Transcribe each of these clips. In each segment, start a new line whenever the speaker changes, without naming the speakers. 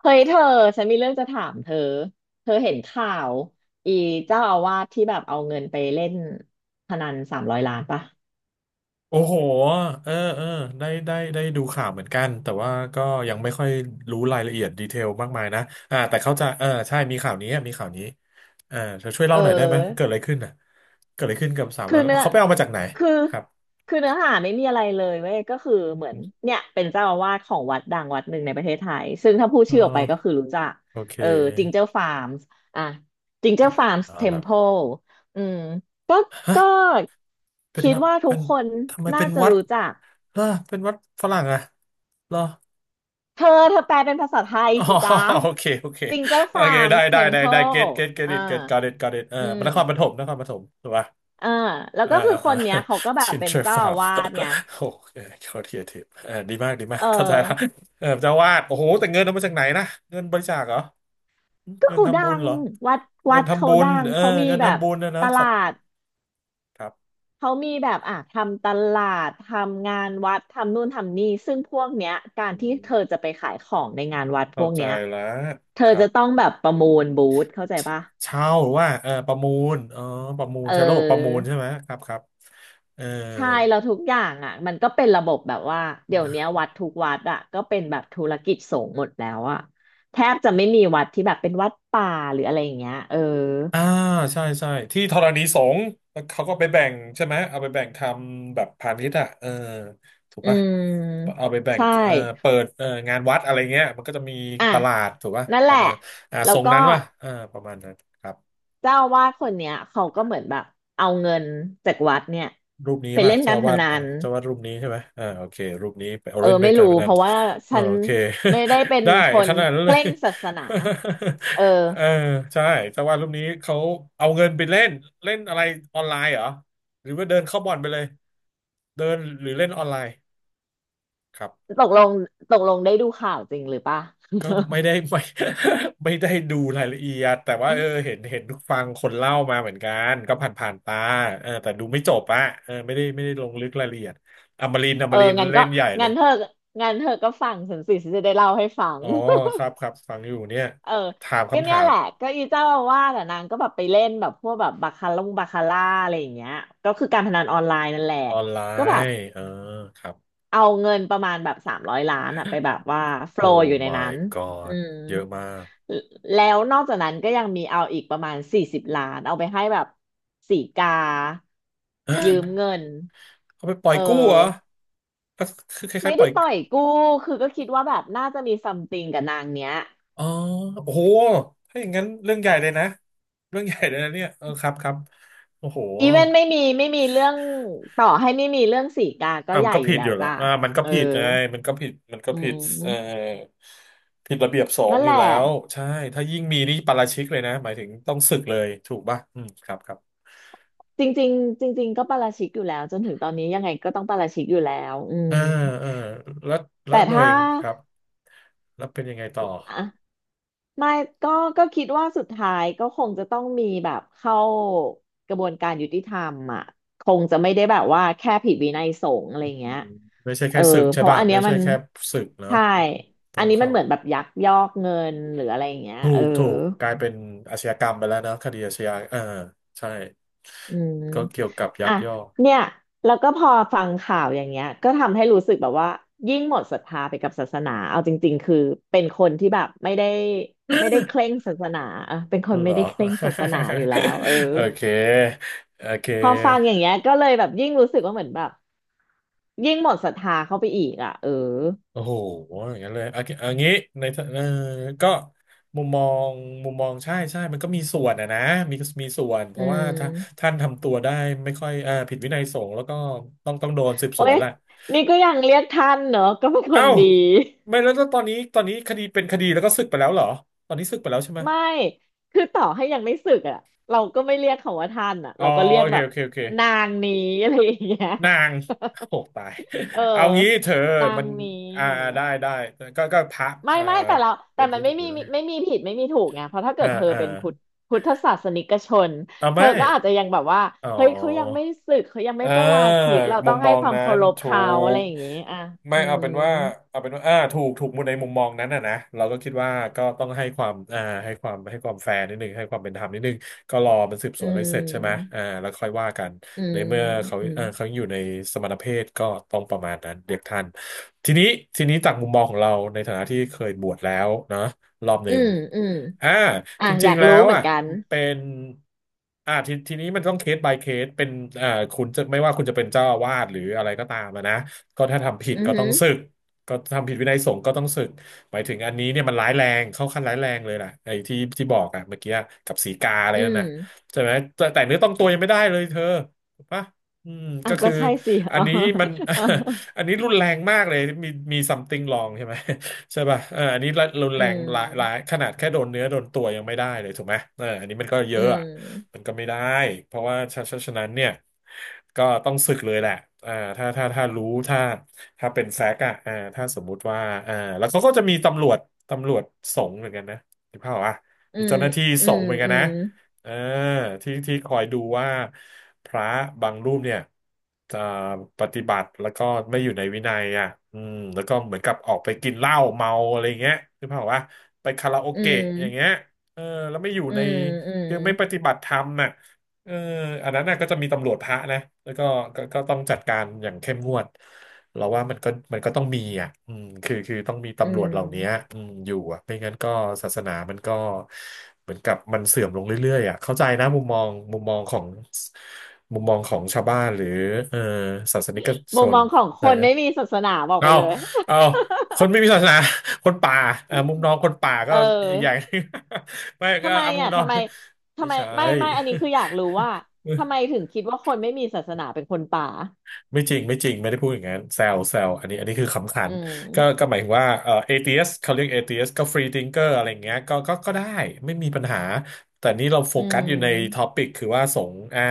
เฮ้ยเธอฉันมีเรื่องจะถามเธอเธอเห็นข่าวอีเจ้าอาวาสที่แบบเอาเงินไปเล่นพนันสามร้อยล้านปะ
โอ้โหเออเออได้ได้ได้ดูข่าวเหมือนกัน แต่ว่าก็ยังไม่ค่อยรู้รายละเอียดดีเทลมากมายนะแต่เข้าใจเออใช่มีข่าวนี้มีข่าวนี้เธอช่วย
เอ
เล่าหน่อยได้ไหม เกิ
อ
ดอะไรขึ้นน่ะเกิดอะไรขึ้นกับสามร้
คื
อ
อ
ย
เนื้อ
เขาไปเอามาจากไหน
คือ
ครับ
คือเนื้อหาไม่มีอะไรเลยเว้ยก็คือเหมือนเนี่ยเป็นเจ้าอาวาสของวัดดังวัดหนึ่งในประเทศไทยซึ่งถ้าพูด
เอ
ชื่อออกไปก็คื
อ
อรู้จัก
โอเค
เออจิงเจอร์ฟาร์มส์อ่ะจิงเจอร์ฟาร์มส์
เอา
เท
แล้
ม
ว
เพลอืมก็ก็
เป็น
คิด
รับ
ว่าทุ
เป็
ก
น
คน
ทำไมเป็
น่า
น
จะ
วัด
รู้จัก
ล่ะเป็นวัดฝรั่งอะเหรอ
เธอแปลเป็นภาษาไทย
อ๋อ
สิจ๊ะ
โอเคโอเค
จิงเจ้า
โอ
ฟา
เค
ร์ม
ได้
เท
ได้
ม
ได้
เพ
ได้ เก็ตเก็ตเก็ต
อ่า
อิทเก็ตกอตอิทกอตอิทเออ
อืม
นครปฐมนครปฐมถูกปะ
เอ่แล้ว
อ่า
ก็คือค
อ่า
นเนี้
อ่
ยเขาก็แบ บ
ชิน
เป็
เท
น
อร์
เจ้า
ฟา
อา
ร์ม
วาสไง
โอเคโคตรครีเอทีฟเออดีมากดีมา
เอ
กเข้าใจละ
อ
เออเจ้าวาดโอ้โหแต่เงินเอามาจากไหนนะเงินบริจาคเหรอ
ก็
เงิน
เขาดั
ทำบุญ
ง
เหรอ
วัดวั
เงิน
ด
ทำ
เขา
บุญ
ดัง
เออ
เขามี
เงิน
แบบ
ทำบุญนะ
ต
นะสั
ลา
ตว์
ด
ครับ
เขามีแบบอ่ะทำตลาดทำงานวัดทำนู่นทำนี่ซึ่งพวกเนี้ยการ
อื
ที่เธอจะ
ม
ไปขายของในงานวัดพ
เข้า
วก
ใจ
เนี้ย
แล้ว
เธ
ค
อ
รั
จะ
บ
ต้องแบบประมูลบูธเข้าใจ
เช
ปะ
เช่าหรือว่าเออประมูลอ๋อประมูล
เออ
ใช้ระบบประมูลใช่ไหมครับครับเออ
ใช่แล้วทุกอย่างอ่ะมันก็เป็นระบบแบบว่าเดี๋ยวเนี้ยวัดทุกวัดอ่ะก็เป็นแบบธุรกิจสงฆ์หมดแล้วอ่ะแทบจะไม่มีวัดที่แบบเป็นวัดป่าหรืออะไรอย่างเงี้ยเออ
อ่าใช่ใช่ที่ธรณีสงฆ์แล้วเขาก็ไปแบ่งใช่ไหมเอาไปแบ่งทำแบบพาณิชย์อ่ะเออถูก
อื
ปะ
ม
เอาไปแบ่ง
ใช่
เออเปิดเอองานวัดอะไรเงี้ยมันก็จะมี
อ่ะ
ตลาดถูกปะ
นั่น
ป
แห
ระ
ละ
มาณ
แล้
ท
ว
รง
ก็
นั้นวะเออประมาณนั้นครับ
เจ้าอาวาสคนเนี้ยเขาก็เหมือนแบบเอาเงินจากวัดเนี่ย
รูปนี้
ไป
ป่ะ
เล่น
เจ้า
การ
อา
พ
วาด
นัน
เจ้าอาวาดรูปนี้ใช่ไหมโอเครูปนี้ไปเอา
เออ
เล่นเป็
ไม่
นการ
รู้
พนั
เพ
น
ราะว่า
เออ
ฉัน
โอเค
ไม่ได้เป็ น
ได้
ค
ข
น
นาดนั้น
เค
เลย
ร่งศาสนาเออ
เออใช่เจ้าอาวาดรูปนี้เขาเอาเงินไปเล่นเล่นอะไรออนไลน์เหรอหรือว่าเดินเข้าบ่อนไปเลยเดินหรือเล่นออนไลน์ครับ
ตกลงตกลงได้ดูข่าวจริงหรือปะ
ก็ ไม่ได้ ไม่ ไม่ได้ดูรายละเอียดแต่ว่าเออเห็นฟังคนเล่ามาเหมือนกันก็ผ่านตาเออแต่ดูไม่จบอะเออไม่ได้ไม่ได้ลงลึกรายละเอียดอมรินทร์อ
เอ
ม
อ
รินทร์
งั้น
เล่
ก็
นใหญ่เล
งั้
ย
นเธองั้นเธอก็ฟังฉันสิฉันจะได้เล่าให้ฟัง
อ๋อครับครับฟังอยู่เนี่ย
เออ
ถาม
ก็
คำ
เนี่
ถา
ยแห
ม
ละก็อีเจ้าอาว่าแต่ะนางก็แบบไปเล่นแบบพวกแบบบาคาร่งบาคาร่าอะไรอย่างเงี้ยก็คือการพนันออนไลน์นั่นแหละ
ออนไล
ก็แบบ
น์เออครับ
เอาเงินประมาณแบบสามร้อยล้านอะไปแบบว่าโฟล
โอ้
ว์อยู่ในนั้
my
นอื
god
ม
เยอะมาก
แล้วนอกจากนั้นก็ยังมีเอาอีกประมาณ40 ล้านเอาไปให้แบบสีกายืมเงิน
เขาไปปล่อ
เอ
ย
อ
กู้เหรอก็คือค
ไม่
ล้ายๆป
ได้
ล่อย
ปล่อยกู้คือก็คิดว่าแบบน่าจะมีซัมติงกับนางเนี้ย
อ๋อโอ้โหถ้าอย่างนั้นเรื่องใหญ่เลยนะเรื่องใหญ่เลยนะเนี่ยเออครับครับโอ้โห
อีเวนไม่มีเรื่องต่อให้ไม่มีเรื่องสีกาก็
อ่ะ
ให
มัน
ญ่
ก็
อยู่
ผิด
แล้
อ
ว
ยู่และ
จ้า
มันก็
เออ
ผิดไงมันก็ผิดมันก็
อื
ผิดเอ่อ
ม
ผิดระเบียบสง
นั่
ฆ์
น
อ
แห
ยู่
ละ
แล้วใช่ถ้ายิ่งมีนี่ปาราชิกเลยนะหมายถึงต้องสึกเลยถูกป่ะอืมครับครับ
จริงๆจริงๆก็ปาราชิกอยู่แล้วจนถึงตอนนี้ยังไงก็ต้องปาราชิกอยู่แล้วอืม
อ่าอ่าแล้วแล้
แต่
วหน่วย
ถ้า
ครับแล้วเป็นยังไงต่อ
ไม่ก็ก็คิดว่าสุดท้ายก็คงจะต้องมีแบบเข้ากระบวนการยุติธรรมอ่ะคงจะไม่ได้แบบว่าแค่ผิดวินัยสงฆ์อะไร
อื
เงี้ย
มไม่ใช่
เอ
แค่
อ
ศึก
เพ
ใช่
ราะ
ป่ะ
อันเนี้
ไม่
ย
ใช่
มัน
แค่ศึกเนาะ
ใช่
อืมต้
อั
อ
น
ง
นี้มัน
เข้า
เหมือนแบบยักยอกเงินหรืออะไรอย่างเงี้ย
ถู
เออ
กถูกกลายเป็นอาชญากรรมไปแล้วนะคดีอาชญาใช่
อืม
ก็เกี่ยวกับยั
อ่ะ
กยอก
เนี่ยแล้วก็พอฟังข่าวอย่างเงี้ยก็ทำให้รู้สึกแบบว่ายิ่งหมดศรัทธาไปกับศาสนาเอาจริงๆคือเป็นคนที่แบบไม่ได้เคร่งศาสนาเออเป็นคน
เห
ไม่
ร
ได้
อ
เคร่งศาสนาอยู่แล้วเออ
โอเคโอเค
พอฟังอย่างเงี้ยก็เลยแบบยิ่งรู้สึกว่าเหมือนแบบยิ่งหมดศรัทธาเข้าไปอีกอ่ะเออ
โอ้โหอย่างนั้นเลยอ่ะอ่ะอย่างนี้ในเออก็มุมมองมุมมองใช่ใช่มันก็มีส่วนอะนะมีมีส่วนเพ
อื
ราะว่าถ้า
ม
ท่านทำตัวได้ไม่ค่อยผิดวินัยสงฆ์แล้วก็ต้องโดนสืบส
โอ๊
วน
ย
แหละ
นี่ก็ยังเรียกท่านเนอะก็เป็นค
เอ้า
นดี
ไม่แล้วแล้วตอนนี้ตอนนี้คดีเป็นคดีแล้วก็สึกไปแล้วเหรอตอนนี้สึกไปแล้วใช่ไหม
ไม่คือต่อให้ยังไม่สึกอ่ะเราก็ไม่เรียกเขาว่าท่านอ่ะ
อ๋อ
เราก็เรีย
โอ
ก
เค
แบบ
โอเคโอเค
นางนี้ อะไรอย่างเงี้ย
นางโอ้ตาย
เออ
เอางี้เธอ
นา
มั
ง
น
นี้
อ่า
อะไรอย่างเงี้ย
ได้ได้ก็พระ
ไม่ไม่แต่เรา
เป็
แต่
น
มั
รู
นไม่
ปหรื
มี
อไง
ไม่มีผิดไม่มีถูกไงเพราะถ้าเกิ
อ่า
ดเธอ
อ่า
เป็นพุทธศาสนิกชน
เอา
เธ
ไม่
อก็อาจจะยังแบบว่า
อ๋อ
เฮ้ยเขายังไม่สึกเขายังไม่
อ่า
ประราชิกเรา
มุ
ต้อ
ม
ง
ม
ให้
อง
ความ
นั้
เคา
น
รพ
ถู
เขาอะไร
ก
อย่างงี้อ่ะ
ไม่
อื
เอา
ม
เป็นว่าเอาเป็นว่าถูกถูกมุมในมุมมองนั้นนะนะเราก็คิดว่าก็ต้องให้ความให้ความให้ความแฟร์นิดนึงให้ความเป็นธรรมนิดนึงก็รอมันสืบส
อื
วนอะไรเสร็จใช่ไหม
ม
แล้วค่อยว่ากัน
อื
ใน
ม
เมื่อเขา
อืม
เขายังอยู่ในสมณเพศก็ต้องประมาณนั้นเด็กทันทีนี้ทีนี้จากมุมมองของเราในฐานะที่เคยบวชแล้วนะ รอบห
อื
นึ่ง
มอืม
อ่า
อ่ะ
จ
อ
ริ
ยา
ง
ก
ๆ แล้
รู้
ว
เหมือ
อ่ะ
นกัน
เป็นทีนี้มันต้องเคส by เคสเป็นอ่าคุณจะไม่ว่าคุณจะเป็นเจ้าอาวาสหรืออะไรก็ตามอะนะ ก็ถ้าทำผิด
อือ
ก็ต้
หึ
องสึกก็ทำผิดวินัยสงฆ์ก็ต้องสึกหมายถึงอันนี้เนี่ยมันร้ายแรง เข้าขั้นร้ายแรงเลยล่ะไอ้ที่บอกอ่ะเมื่อกี้กับสีกาอะไร
อื
นั่นน่ะ
ม
ใช่ไหมแต่เนื้อต้องตัวยังไม่ได้เลยเธอถูกปะอืม
อ่ะ
ก็
ก็
คือ
ใช่สิ
อั
อ๋
น
อ
นี้มัน
อ่ะ
อันนี้รุนแรงมากเลย มี something wrong ใช่ไหม ใช่ป่ะเอออันนี้รรุน
อื
แรงหลาย
ม
ขนาดแค่โดนเนื้อโดนตัวยังไม่ได้เลยถูกไหมเอออันนี้มันก็เย
อื
อะอะ มั
ม
นก็ไม่ได้ เพราะว่าฉะนั้นเนี่ยก็ต้องสึกเลยแหละถ้าถ้าเป็นแฟกต์อะถ้าสมมุติว่าแล้วเขาก็จะมีตำรวจสงฆ์เหมือนกันนะถูกเปล่าวะ
อื
มี
ม
เจ้าหน้าที่
อื
สง
ม
ฆ์เหมือนกั
อื
นนะ
ม
อ่าที่คอยดูว่าพระบางรูปเนี่ยจะปฏิบัติแล้วก็ไม่อยู่ในวินัยอ่ะอืมแล้วก็เหมือนกับออกไปกินเหล้าเมาอะไรเงี้ยคือเปล่าวะไปคาราโอ
อื
เกะ
ม
อย่างเงี้ยเออแล้วไม่อยู่
อื
ใน
มอืม
คือไม่ปฏิบัติธรรมน่ะเอออันนั้นน่ะก็จะมีตำรวจพระนะแล้วก็ก็ต้องจัดการอย่างเข้มงวด เราว่ามันก็ต้องมีอ่ะอืมคือต้องมี
อื
ตำรวจเหล่านี้
ม
อืมอยู่อ่ะไม่งั้นก็ศาสนามันก็เหมือนกับมันเสื่อมลงเรื่อยๆอ่ะเข้าใจนะมุมมองของชาวบ้านหรือเออศาสนิกช
มุมม
น
องของ
เข้าใจ
คน
นะ
ไม่มีศาสนาบอกไป
เอา
เลย
เอาคนไม่มีศาสนา คนป่าเอ่ามุมน้องคนป่าก็
เอ
อีกอย่าง
อ
หนึ่ง ไม่ก็
ทำไม
เอามุม
อ่ะ
น้อง
ทำไม ทำ
ไม่
ไม
ใช่
ไม่อันนี้คืออยากรู้ว่าทำไมถึงคิดว่าคนไม่มีศาสนาเป็นคนป่า
ไม่จริงไม่ได้พูดอย่างนั้นแซวอันนี้คือขำขั
อื
นก็
ม
ก็หมายถึงว่าเอทีเอสเขาเรียกเอทีเอสก็ฟรีทิงเกอร์อะไรเงี้ยก็ได้ไม่มีปัญหาแต่นี่เราโฟ
อื
กัสอยู่ในท็อ
ม
ปิกคือว่าสงฆ์อ่า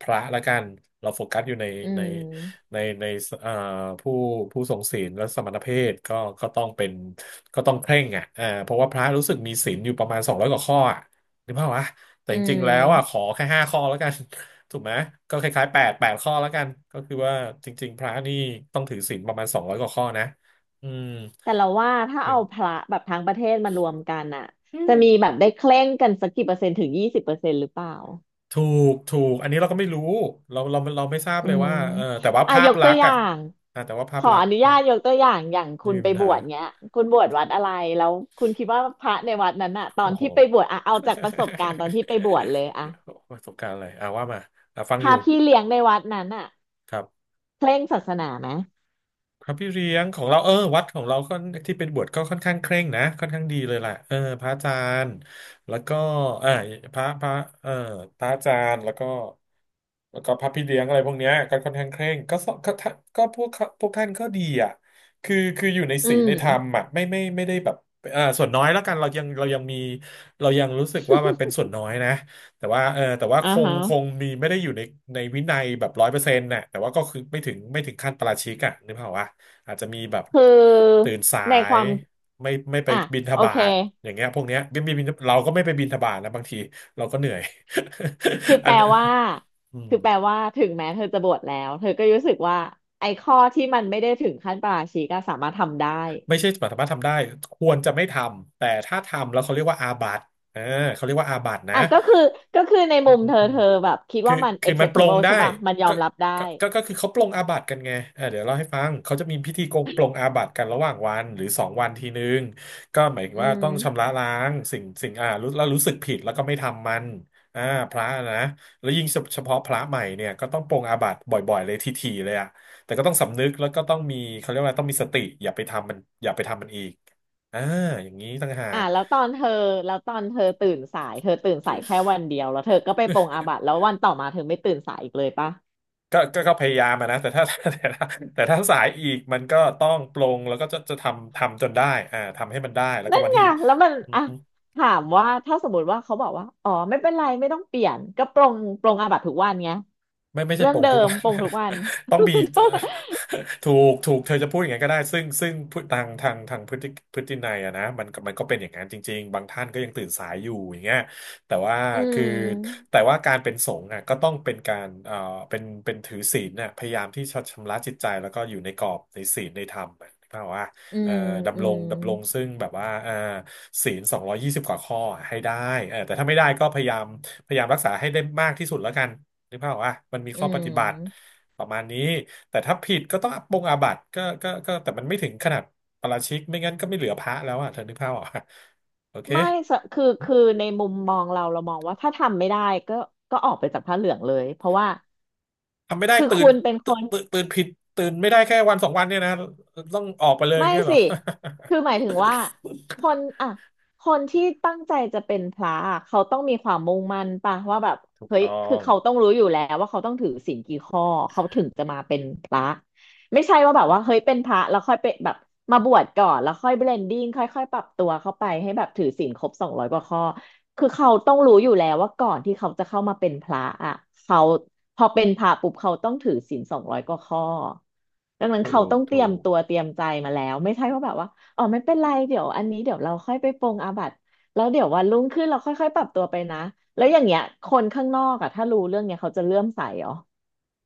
พระละกันเราโฟกัสอยู่ใน
อื
ใน
ม
ในเอ่อผู้ผู้ทรงศีลและสมณเพศก็ก็ต้องเป็นก็ต้องเคร่งอ่ะเพราะว่าพระรู้สึกมีศีลอยู่ประมาณสองร้อยกว่าข้ออ่ะ หรือเปล่าวะแต่
อื
จริงๆแล้วอ่ะขอ
ม
แค่5 ข้อแล้วกัน ถูกไหมก็คล้ายๆแปดข้อแล้วกันก็คือว่าจริงๆพระนี่ต้องถือศีลประมาณสองร้อยกว่าข้อนะอืม
แต่เราว่าถ้า
เป็
เอา
น
พระแบบทั้งประเทศมารวมกันอะ
อืม
จะมีแบบได้เคร่งกันสักกี่เปอร์เซ็นต์ถึง20%หรือเปล่า
ถูถูกอันนี้เราก็ไม่รู้เราไม่ทราบ
อื
เลย
ม
ว่าเออแต่ว่า
อ่ะ
ภา
ย
พ
ก
ลั
ตัว
กษ
อ
ณ์
ย่า
อ่ะ
ง
อ่ะแต่ว่า
ข
ภาพ
อ
ลักษ
อ
ณ์
นุ
อ่ะ
ญาตยกตัวอย่างอย่าง
ไม่
คุณ
มี
ไป
ปัญ
บ
หา
วชเงี้ยคุณบวชวัดอะไรแล้วคุณคิดว่าพระในวัดนั้นอะตอ
โอ้
น
โห
ที่ไปบวชอะเอาจากประสบการณ์ตอนที่ไปบวชเลยอะ
โอ้โหประสบการณ์อะไรอ่ะว่ามาอ่ะฟัง
พ
อ
ระ
ยู่
พี่เลี้ยงในวัดนั้นอะ
ครับ
เคร่งศาสนาไหม
พระพี่เลี้ยงของเราเออวัดของเราค่อนที่เป็นบวชก็ค่อนข้างเคร่งนะค่อนข้างดีเลยแหละเออพระอาจารย์แล้วก็เออพระพระเออพระอาจารย์แล้วก็ แล้วก็พับพี่เลี้ยงอะไรพวกเนี้ยก็ค่อนข้างเคร่งก็สก็ท่านก็พวกเขาพวกท่านก็ดีอ่ะคืออยู่ใน
อื
ศีลในธรรม
ม
อ่ะไม่ได้แบบส่วนน้อยแล้วกันเรายังมีเรายังรู้สึกว่ามันเป็นส่วนน้อยนะแต่ว่าเออแต่ว่า
อ่า
คง
ฮะ
คงมีไม่ได้อยู่ในในวินัยแบบ100%น่ะแต่ว่าก็คือไม่ถึงขั้นปาราชิกอ่ะนึกภาพว่าอาจจะมีแบบ
คือ
ตื่นสา
ในค
ย
วาม
ไม่ไป
อ่ะ
บิณฑ
โอ
บา
เค
ตอย่างเงี้ยพวกเนี้ยไม่ไม่บิณเราก็ไม่ไปบิณฑบาตนะบางทีเราก็เหนื่อย
คือ
อั
แป
น
ลว่า
อืม
คือแปลว่าถึงแม้เธอจะบวชแล้วเธอก็รู้สึกว่าไอ้ข้อที่มันไม่ได้ถึงขั้นปาราชิกก็สามารถทำได้
ไม่ใช่สามารถทำได้ควรจะไม่ทำแต่ถ้าทำแล้วเขาเรียกว่าอาบัติเออเขาเรียกว่าอาบัตินะ
อ่ะก็คือใน
อื
มุมเธอ
ม
เธอแบบคิด
คือ
ว่ามัน
คือมันปลง
acceptable
ได้
ใช่ป่ะมันยอ
ก็
มรับได้
ก็คือเขาปลงอาบัติกันไงเออเดี๋ยวเล่าให้ฟังเขาจะมีพิธีโกงปลงอาบัติกันระหว่างวันหรือสองวันทีนึงก็หมายถึง
อื
ว่า
ม
ต้องชำระล้างสิ่งอ่ารู้แล้วรู้สึกผิดแล้วก็ไม่ทำมันอ่าพระนะแล้วยิ่งเฉพาะพระใหม่เนี่ยก็ต้องปลงอาบัติบ่อยๆเลยๆเลยอะแต่ก็ต้องสำนึกแล้วก็ต้องมีเขาเรียกว่าอะไรต้องมีสติอย่าไปทำมันอย่าไปทำมันอีกอ่าอย่างนี้ต่างหา
อ่ะ
ก
แล้วตอนเธอแล้วตอนเธอตื่นสายเธอตื่นสายแค่วันเดียวแล้วเธอก็ไปปรงอาบัติแล้ววันต่อมาเธอไม่ตื่นสายอีกเลยป่ะ
ก็พยายามอะนะแต่ถ้า แต่ถ้าแต่ถ้าสายอีกมันก็ต้องปลงแล้วก็จะทำจนได้อ่าทำให้มันได้แล้วก็
นั่น
วัน
ไง
ที่
แล้วมันอ่ะถามว่าถ้าสมมติว่าเขาบอกว่า อ๋อ ไม่เป็นไรไม่ต้องเปลี่ยนก็ปรงอาบัติทุกวันไง
ไม่ใช่
เรื่อง
โป่ง
เดิ
ทุก
ม
วัน
ปรงทุกวัน
ต้องมี ถูกเธอจะพูดอย่างนั้นก็ได้ซึ่งพฤทางทางทางพฤตินัยอะนะมันก็เป็นอย่างนั้นจริงๆบางท่านก็ยังตื่นสายอยู่อย่างเงี้ยแต่ว่า
อื
คือ
ม
แต่ว่าการเป็นสงฆ์อะก็ต้องเป็นการเป็นถือศีลน่ะพยายามที่จะชำระจิตใจแล้วก็อยู่ในกรอบในศีลในธรรมอะนึกภาพว่า
อื
เอ่อ
มอืม
ดำรงซึ่งแบบว่าศีล220 กว่าข้ออะให้ได้เออแต่ถ้าไม่ได้ก็พยายามพยายามรักษาให้ได้มากที่สุดแล้วกัน นึกภาพออกอ่ะมันมี
อื
ข้อปฏิบัติ
ม
ประมาณนี้ แต่ถ้าผิดก็ต้องปรงอาบัติก็ก็ก็แต่มันไม่ถึงขนาดปาราชิก ไม่งั้นก็ไม่เหลือพระแล้วอ่ะเธอนึกภาพออกอ่ะโอเค
ไม่สคือคือในมุมมองเราเรามองว่าถ้าทำไม่ได้ก็ก็ออกไปจากผ้าเหลืองเลยเพราะว่า
ทำไม่ได้
คือคุณเป็นคน
ตื่น ตื่นผิด ตื่นไม่ได้แค่วันสองวันเนี่ยนะต้องออกไปเลยอย่า
ไม่
งเงี้ยเหรอ
สิคือหมายถึงว่าค นอ่ะคนที่ตั้งใจจะเป็นพระอะเขาต้องมีความมุ่งมั่นป่ะว่าแบบ
ถูก
เฮ้ย
ต้อ
คือ
ง
เขาต้องรู้อยู่แล้วว่าเขาต้องถือศีลกี่ข้อเขาถึงจะมาเป็นพระไม่ใช่ว่าแบบว่าเฮ้ยเป็นพระแล้วค่อยเป็นแบบมาบวชก่อนแล้วค่อยเบลนดิ้งค่อยๆปรับตัวเข้าไปให้แบบถือศีลครบสองร้อยกว่าข้อ คือเขาต้องรู้อยู่แล้วว่าก่อนที่เขาจะเข้ามาเป็นพระอ่ะเขาพอเป็นพระปุ๊บเขาต้องถือศีลสองร้อยกว่าข้อดังนั้น
ถู
เขา
ก
ต้องเตรี
ถู
ยม
ก
ตัวเตรียมใจมาแล้วไม่ใช่ว่าแบบว่าอ๋อไม่เป็นไรเดี๋ยวอันนี้เดี๋ยวเราค่อยไปปรงอาบัติแล้วเดี๋ยววันรุ่งขึ้นเราค่อยๆปรับตัวไปนะแล้วอย่างเงี้ยคนข้างนอกอ่ะถ้ารู้เรื่องเนี้ยเขาจะเลื่อมใสเหรอ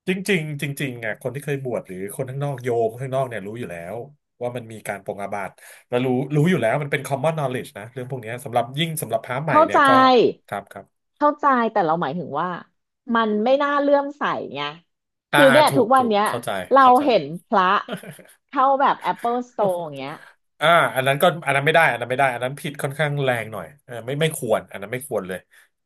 จริงๆจริงๆอ่ะคนที่เคยบวชหรือคนข้างนอกโยมข้างนอกเนี่ยรู้อยู่แล้วว่ามันมีการปรงอาบัติแล้วรู้อยู่แล้วมันเป็น common knowledge นะเรื่องพวกเนี้ยสำหรับยิ่งสำหรับพระใหม่
เข้า
เนี่ย
ใจ
ก็ครับ
เข้าใจแต่เราหมายถึงว่ามันไม่น่าเลื่อมใสไงคือ
อ่า
เนี่ย
ถู
ทุ
ก
กวั
ถู
น
ก
เนี้ย
เข้าใจ
เรา
เข้าใจ
เห็นพระเข้าแบบ Apple Store อย่างเงี้ย
อ่าอันนั้นไม่ได้อันนั้นผิดค่อนข้างแรงหน่อยเออไม่ควรอันนั้นไม่ควรเลย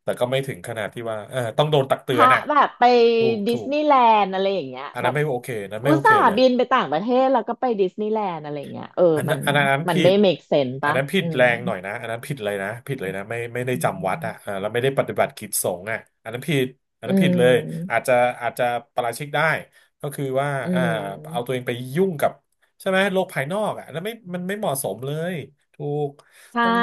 แต่ก็ไม่ถึงขนาดที่ว่าเออต้องโดนตักเตื
พ
อ
ระ
นอ่ะ
แบบไป
ถูก
ดิ
ถู
ส
ก
นีย์แลนด์อะไรอย่างเงี้ย
อัน
แบ
นั้น
บ
ไม่โอเคอันนั้นไม่
อุ
โอ
ต
เค
ส่าห์
เลย
บินไปต่างประเทศแล้วก็ไปดิสนีย์แลนด์อะไรอย่างเงี้ยเออมัน
อันนั้น
มัน
ผิ
ไม่
ด
make sense
อัน
ปะ
นั้นผิด
อืม
แรงหน่อยนะอันนั้นผิดเลยนะผิดเลยนะไม่ได้
อื
จำวัดอ่ะเออ
ม
แล้วไม่ได้ปฏิบัติกิจสงฆ์อ่ะอันนั้นผิดอัน
อื
นั้นผิดเลยอาจ
ม
จะอาจจะปาราชิกได้ก็คือว่า
อื
อ่าเอาตัวเอ
ม
งไปยุ่งกับใช่ไหมโลกภายนอกอ่ะแล้วไม่มันไม่เหมาะสมเลยถูก
ใช่
ต้อง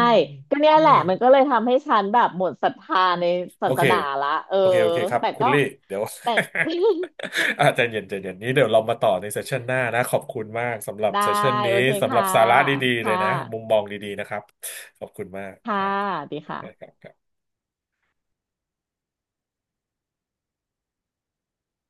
ก็เนี่ย
เออ
แหละมันก็เลยทำให้ฉันแบบหมดศรัทธาใน
โอ
ศาส
เค
นาละเออ
โอเค โอเคครับ
แต่
คุณ
ก็
ลี่เดี๋ยว
แต่
อาจจะเย็นใจเย็นนี้เดี๋ยวเรามาต่อในเซสชันหน้านะ ขอบคุณมากสำหรั บ
ได้
เซสชันนี้
โอเค
สำหรับ
ค่ะ
สาระดีๆเลย
ค่ะ
นะ มุมมองดีๆนะครับ ขอบคุณมากค
ค่ะ
รั
สวัสดีค่ะ
บ